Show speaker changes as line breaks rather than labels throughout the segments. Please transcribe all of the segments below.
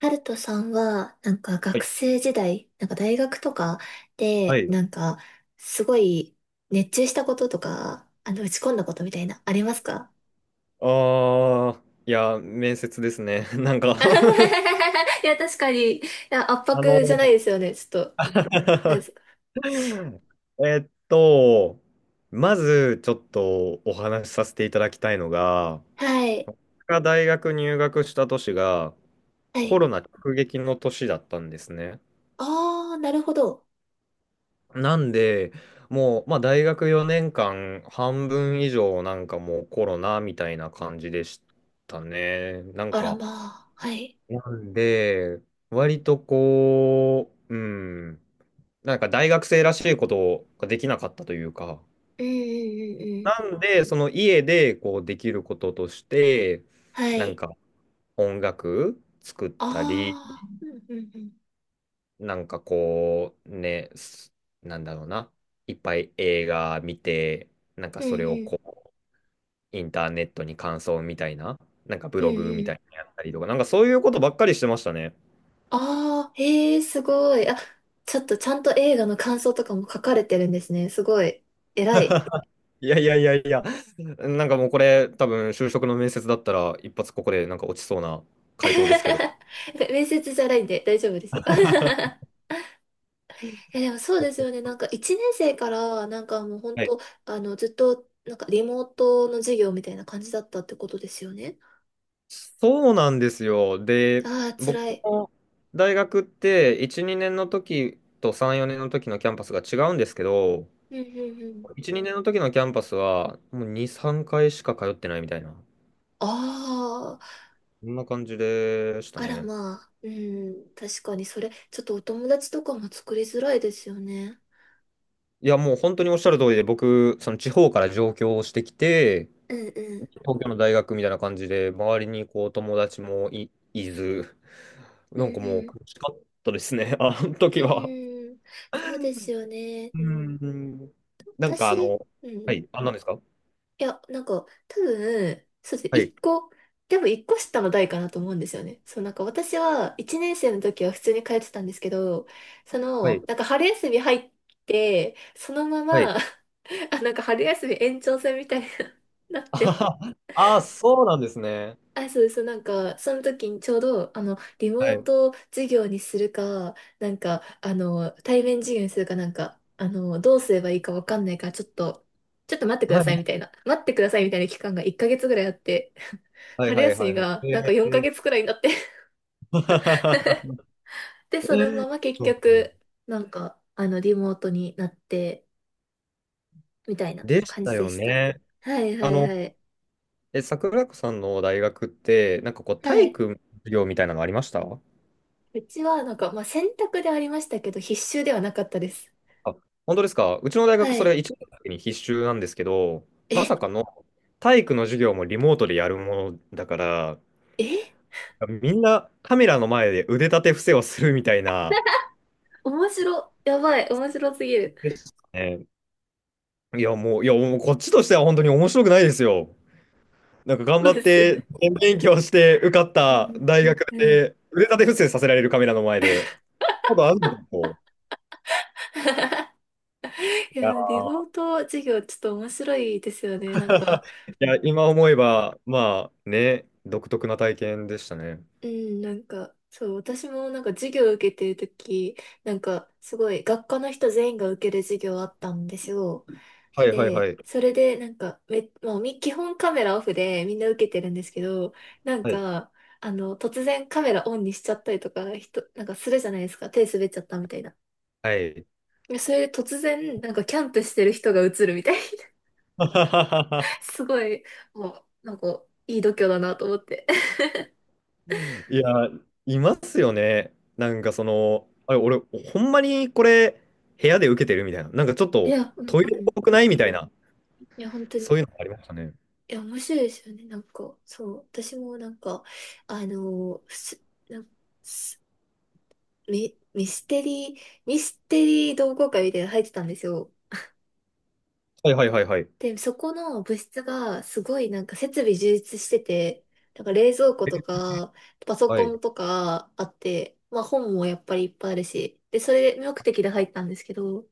ハルトさんは、なんか
は
学
い
生時代、なんか大学とか
は
で、
い。
なんか、すごい熱中したこととか、打ち込んだことみたいな、ありますか？
ああ、いや、面接ですね。なんか
いや、確かに。いや、圧
あの
迫じゃないですよね、ちょっと。なんで すか。
えっと、まずちょっとお話しさせていただきたいのが、
はい。
僕が大学入学した年が
は
コ
い。
ロナ直撃の年だったんですね。
ああ、なるほど。
なんで、もう、まあ、大学4年間、半分以上、なんかもうコロナみたいな感じでしたね。なん
あら
か、
まあ。はい。
なんで、割とこう、うん、なんか大学生らしいことができなかったというか、
うんうんうんう
な
ん。
んで、その家でこうできることとして、
は
なん
い。
か音楽作ったり、
ああ。うんうんうん。
なんかこう、ね、なんだろうな、いっぱい映画見て、なんか
うん
それを
う
こ
ん。
う、インターネットに感想みたいな、なんかブ
うん
ログみ
う
たいな
ん
のやったりとか、なんかそういうことばっかりしてましたね。
ああ、へえ、すごい。あ、ちょっとちゃんと映画の感想とかも書かれてるんですね。すごい。偉い。
いやいやいやいや、なんかもうこれ、多分就職の面接だったら、一発ここでなんか落ちそうな回答ですけど。
面接じゃないんで大丈夫ですよ。いや、でもそうですよね。な
は
んか1年生から、なんかもう本
い。
当、ずっと、なんかリモートの授業みたいな感じだったってことですよね。
そうなんですよ。で、
ああ、
僕
辛い。
の大学って1、2年の時と3、4年の時のキャンパスが違うんですけど、
うんうんうん。
1、2年の時のキャンパスはもう2、3回しか通ってないみたいな、
ああ、
そんな感じでした
あら
ね。
まあ。うん、確かにそれ、ちょっとお友達とかも作りづらいですよね。
いや、もう本当におっしゃる通りで、僕、その地方から上京してきて、
うんうん。
東京の大学みたいな感じで、周りにこう友達もい、いず、
う
な
んう
んかもう
ん。
苦しかったですね、あの時
う
は。
ん、そうですよね。
うー
うん、
ん。なんか
私、うん。
は
い
い、あ、何ですか？
や、なんか、多分、そうですね、
はい、
一個、でも一個下の代かなと思うんですよね。そう、なんか私は、一年生の時は普通に通ってたんですけど、
はい、
なんか春休み入って、そのま
はい。
ま、あ、なんか春休み延長戦みたいになっ
あは
て、
はあ、そうなんですね。
あ、そうです。なんか、その時にちょうど、リモ
は
ー
い。
ト授業にするか、なんか、対面授業にするかなんか、どうすればいいかわかんないから、ちょっと待ってくだ
は
さい
い、
みたいな、待ってくださいみたいな期間が1ヶ月ぐらいあって、
はい、
春
はい、
休
は
み
いはい。
がなんか4
え
ヶ月くらいになって
ー
で、そのまま結
そう
局、なんか、リモートになって、みたいな
でし
感
た
じで
よ
した。
ね。
はいは
あ
い
の、
はい。
え、桜子さんの大学って、なんかこう、
は
体
い。
育の授業みたいなのありました？
うちは、なんか、まあ、選択でありましたけど、必修ではなかったです。
あ、本当ですか。うちの大
は
学、それ
い。
1年の時に必修なんですけど、ま
え、
さかの体育の授業もリモートでやるものだから、
え、
みんなカメラの前で腕立て伏せをするみたいな、
やばい、面白すぎる。
ですね。いや、もう、いや、もうこっちとしては本当に面白くないですよ。なんか頑
そ
張
う
っ
ですよ
て、
ね。
勉強して受かっ
う
た
ん。
大学
うん。
で、腕立て伏せさせられるカメラの前で、ほどあるのかと。い
い
や
や、リモー
ー、
ト授業ちょっと面白いですよね。なんか、
いや今思えば、まあね、独特な体験でしたね。
うん、なんか、そう、私もなんか授業受けてるとき、なんかすごい学科の人全員が受ける授業あったんですよ。
はいはいは
で、
い。
それでなんかまあ、基本カメラオフでみんな受けてるんですけど、なん
はい
か、突然カメラオンにしちゃったりとか、なんかするじゃないですか。手滑っちゃったみたいな。
はい。
それで突然、なんかキャンプしてる人が映るみたいな。すごい、もう、なんか、いい度胸だなと思って。
いや、いますよね。なんかその、あれ、俺、ほんまにこれ、部屋で受けてるみたいな。なんかちょっ
い
と
や、うん、
ト
う
イレっ
ん。
ぽくないみたいな。
いや、本当
そ
に。
ういうのありましたね。
いや、面白いですよね。なんか、そう。私もなんか、あのーす、なんすミ、ミステリー、ミステリー同好会みたいなの入ってたんですよ。
はいはいはいはい。
で、そこの部室がすごいなんか設備充実してて、なんか冷蔵庫とか、パソ
は
コ
い。
ンとかあって、まあ本もやっぱりいっぱいあるし、で、それ目的で入ったんですけど、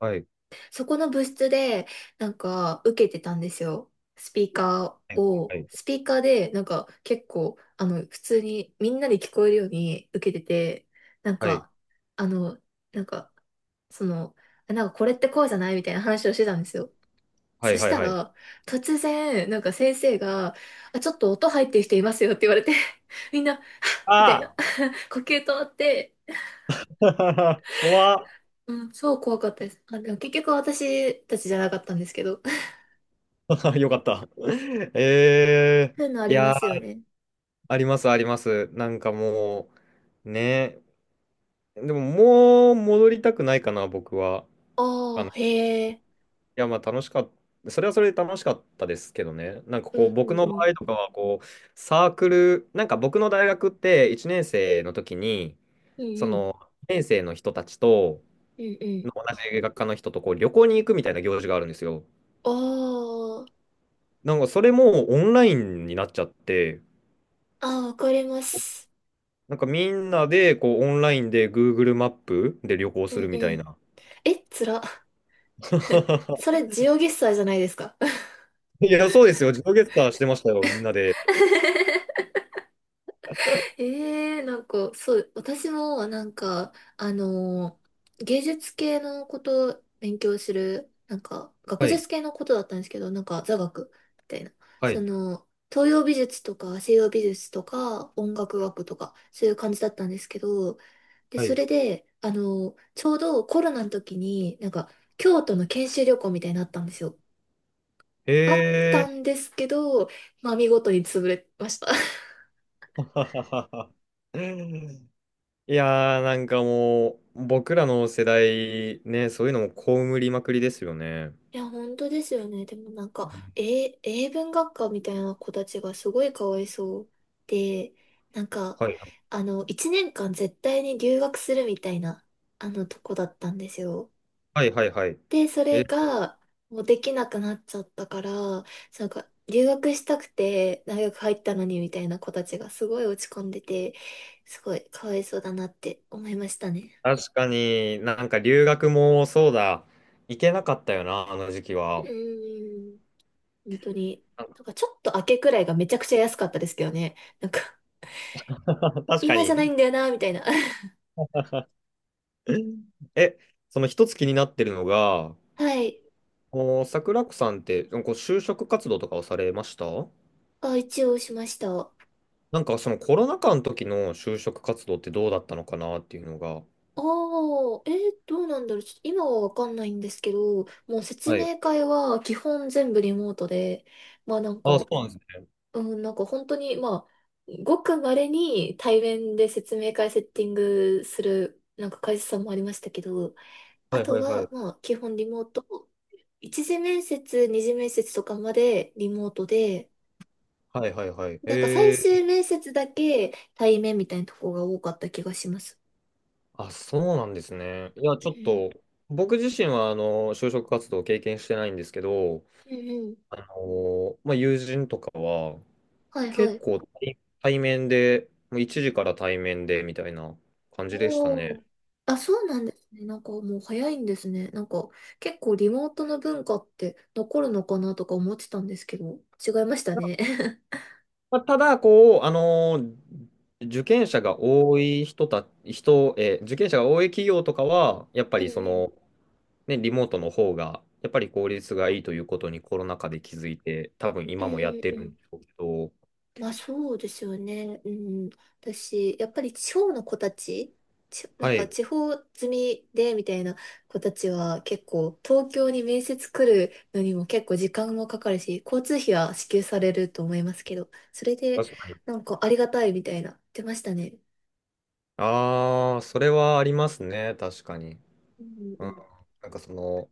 はい。
そこの部室でなんか受けてたんですよ。
はい
スピーカーでなんか結構、普通にみんなで聞こえるように受けてて、なん
はい。
か、あの、なんか、その、なんかこれってこうじゃないみたいな話をしてたんですよ。
は
そ
い
し
はい
た
はい。
ら、突然、なんか先生が、あ、ちょっと音入ってる人いますよって言われて、みんな、みたいな、
あ
呼吸止まって、
あ 怖
うん、超怖かったです。あ、でも結局私たちじゃなかったんですけど。
っ よかった。ええ
そういうのあ
ー、い
りま
や
す
ー、
よね。
ありますあります。なんかもう、ね。でももう戻りたくないかな、僕は。あ
ああ、へえ。
いや、まあ楽しかった。それはそれで楽しかったですけどね。なんか
うん
こう、
う
僕
ん
の場
うん。
合とかは、こう、サークル、なんか僕の大学って1年生の時に、
うん
そ
うん。
の、年生の人たちと、
うんうん。
同じ学科の人とこう旅行に行くみたいな行事があるんですよ。
あ
なんかそれもオンラインになっちゃって、
あ、ああ、わかります。
なんかみんなでこうオンラインで Google マップで旅行
うん
する
う
みたい
ん。
な。
え、つら。そ れ、ジオゲッサーじゃないですか。
いや、そうですよ。自動ゲッターしてましたよ、みんなで。
ええなんか、そう、私も、なんか、あのー芸術系のことを勉強する、なんか、学
はい、
術系のことだったんですけど、なんか、座学みたいな。
はい、
東洋美術とか西洋美術とか音楽学とか、そういう感じだったんですけど、で、
は
そ
い。
れで、ちょうどコロナの時に、なんか、京都の研修旅行みたいになったんですよ。あった
へ
んですけど、まあ、見事に潰れました。
いやー、なんかもう、僕らの世代、ね、そういうのも被りまくりですよね。
いや、本当ですよね。でもなんか、英文学科みたいな子たちがすごいかわいそうで、なんか、
はい。
一年間絶対に留学するみたいな、とこだったんですよ。
はいはいはい。
で、それ
え、
が、もうできなくなっちゃったから、なんか、留学したくて大学入ったのにみたいな子たちがすごい落ち込んでて、すごいかわいそうだなって思いましたね。
確かになんか留学もそうだ、行けなかったよな、あの時期
う
は。
ーん。本当に、なんか ちょっと明けくらいがめちゃくちゃ安かったですけどね。なんか、
確か
今じ
に。
ゃないんだよな、みたいな。
え、その一つ気になってるのが、
はい。
もう桜子さんって、こう就職活動とかをされました？
あ、一応しました。あ
なんかそのコロナ禍の時の就職活動ってどうだったのかなっていうのが。
あ、どうなんだろう。ちょっと今はわかんないんですけど、もう説
はい。
明会は基本全部リモートで、まあなん
あ、
か、
そうなんですね。
うん、なんか本当に、まあ、ごく稀に対面で説明会セッティングする、なんか会社さんもありましたけど、あ
はい
と
はいは
は、
い。
まあ、基本リモート。一次面接、二次面接とかまでリモートで、
はいはいはい。
なんか最終面接だけ対面みたいなとこが多かった気がします。
あ、そうなんですね。いや、
う
ちょっ
ん。
と、僕自身は、あの、就職活動を経験してないんですけど、
うんうん。
あの、まあ、友人とかは、
はいは
結
い。
構対面で、もう1時から対面で、みたいな感じでした
お
ね。
ー。あ、そうなんですね。なんかもう早いんですね。なんか結構リモートの文化って残るのかなとか思ってたんですけど、違いましたね。
まあ、ただ、こう、あの、受験者が多い人た、人、えー受験者が多い企業とかは、やっぱ
うん
りそ
うん。
の、ね、リモートの方が、やっぱり効率がいいということにコロナ禍で気づいて、多分
う
今もやっ
ん
て
う
るんでし
ん
ょうけど、
まあそうですよね。うん。私、やっぱり地方の子たち、なん
は
か
い、
地方住みでみたいな子たちは結構東京に面接来るのにも結構時間もかかるし、交通費は支給されると思いますけど、それで
確かに。
なんかありがたいみたいな言ってましたね。
ああ、それはありますね、確かに。
うんう
うん、
ん。
なんかその、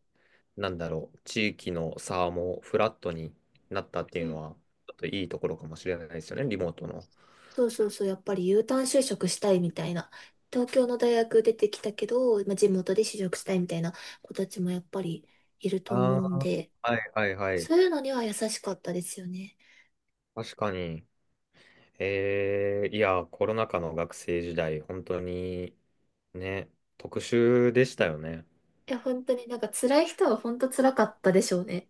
なんだろう、地域の差もフラットになったってい
う
うの
ん
は、ちょっといいところかもしれないですよね、リモートの。
そうそうそう、やっぱり Uターン就職したいみたいな。東京の大学出てきたけど、まあ、地元で就職したいみたいな子たちもやっぱりいると思
あ
うん
あ、
で、
はいはいはい。
そういうのには優しかったですよね。
確かに。いや、コロナ禍の学生時代、本当にね、特殊でしたよね。
いや、本当になんか辛い人は本当辛かったでしょうね。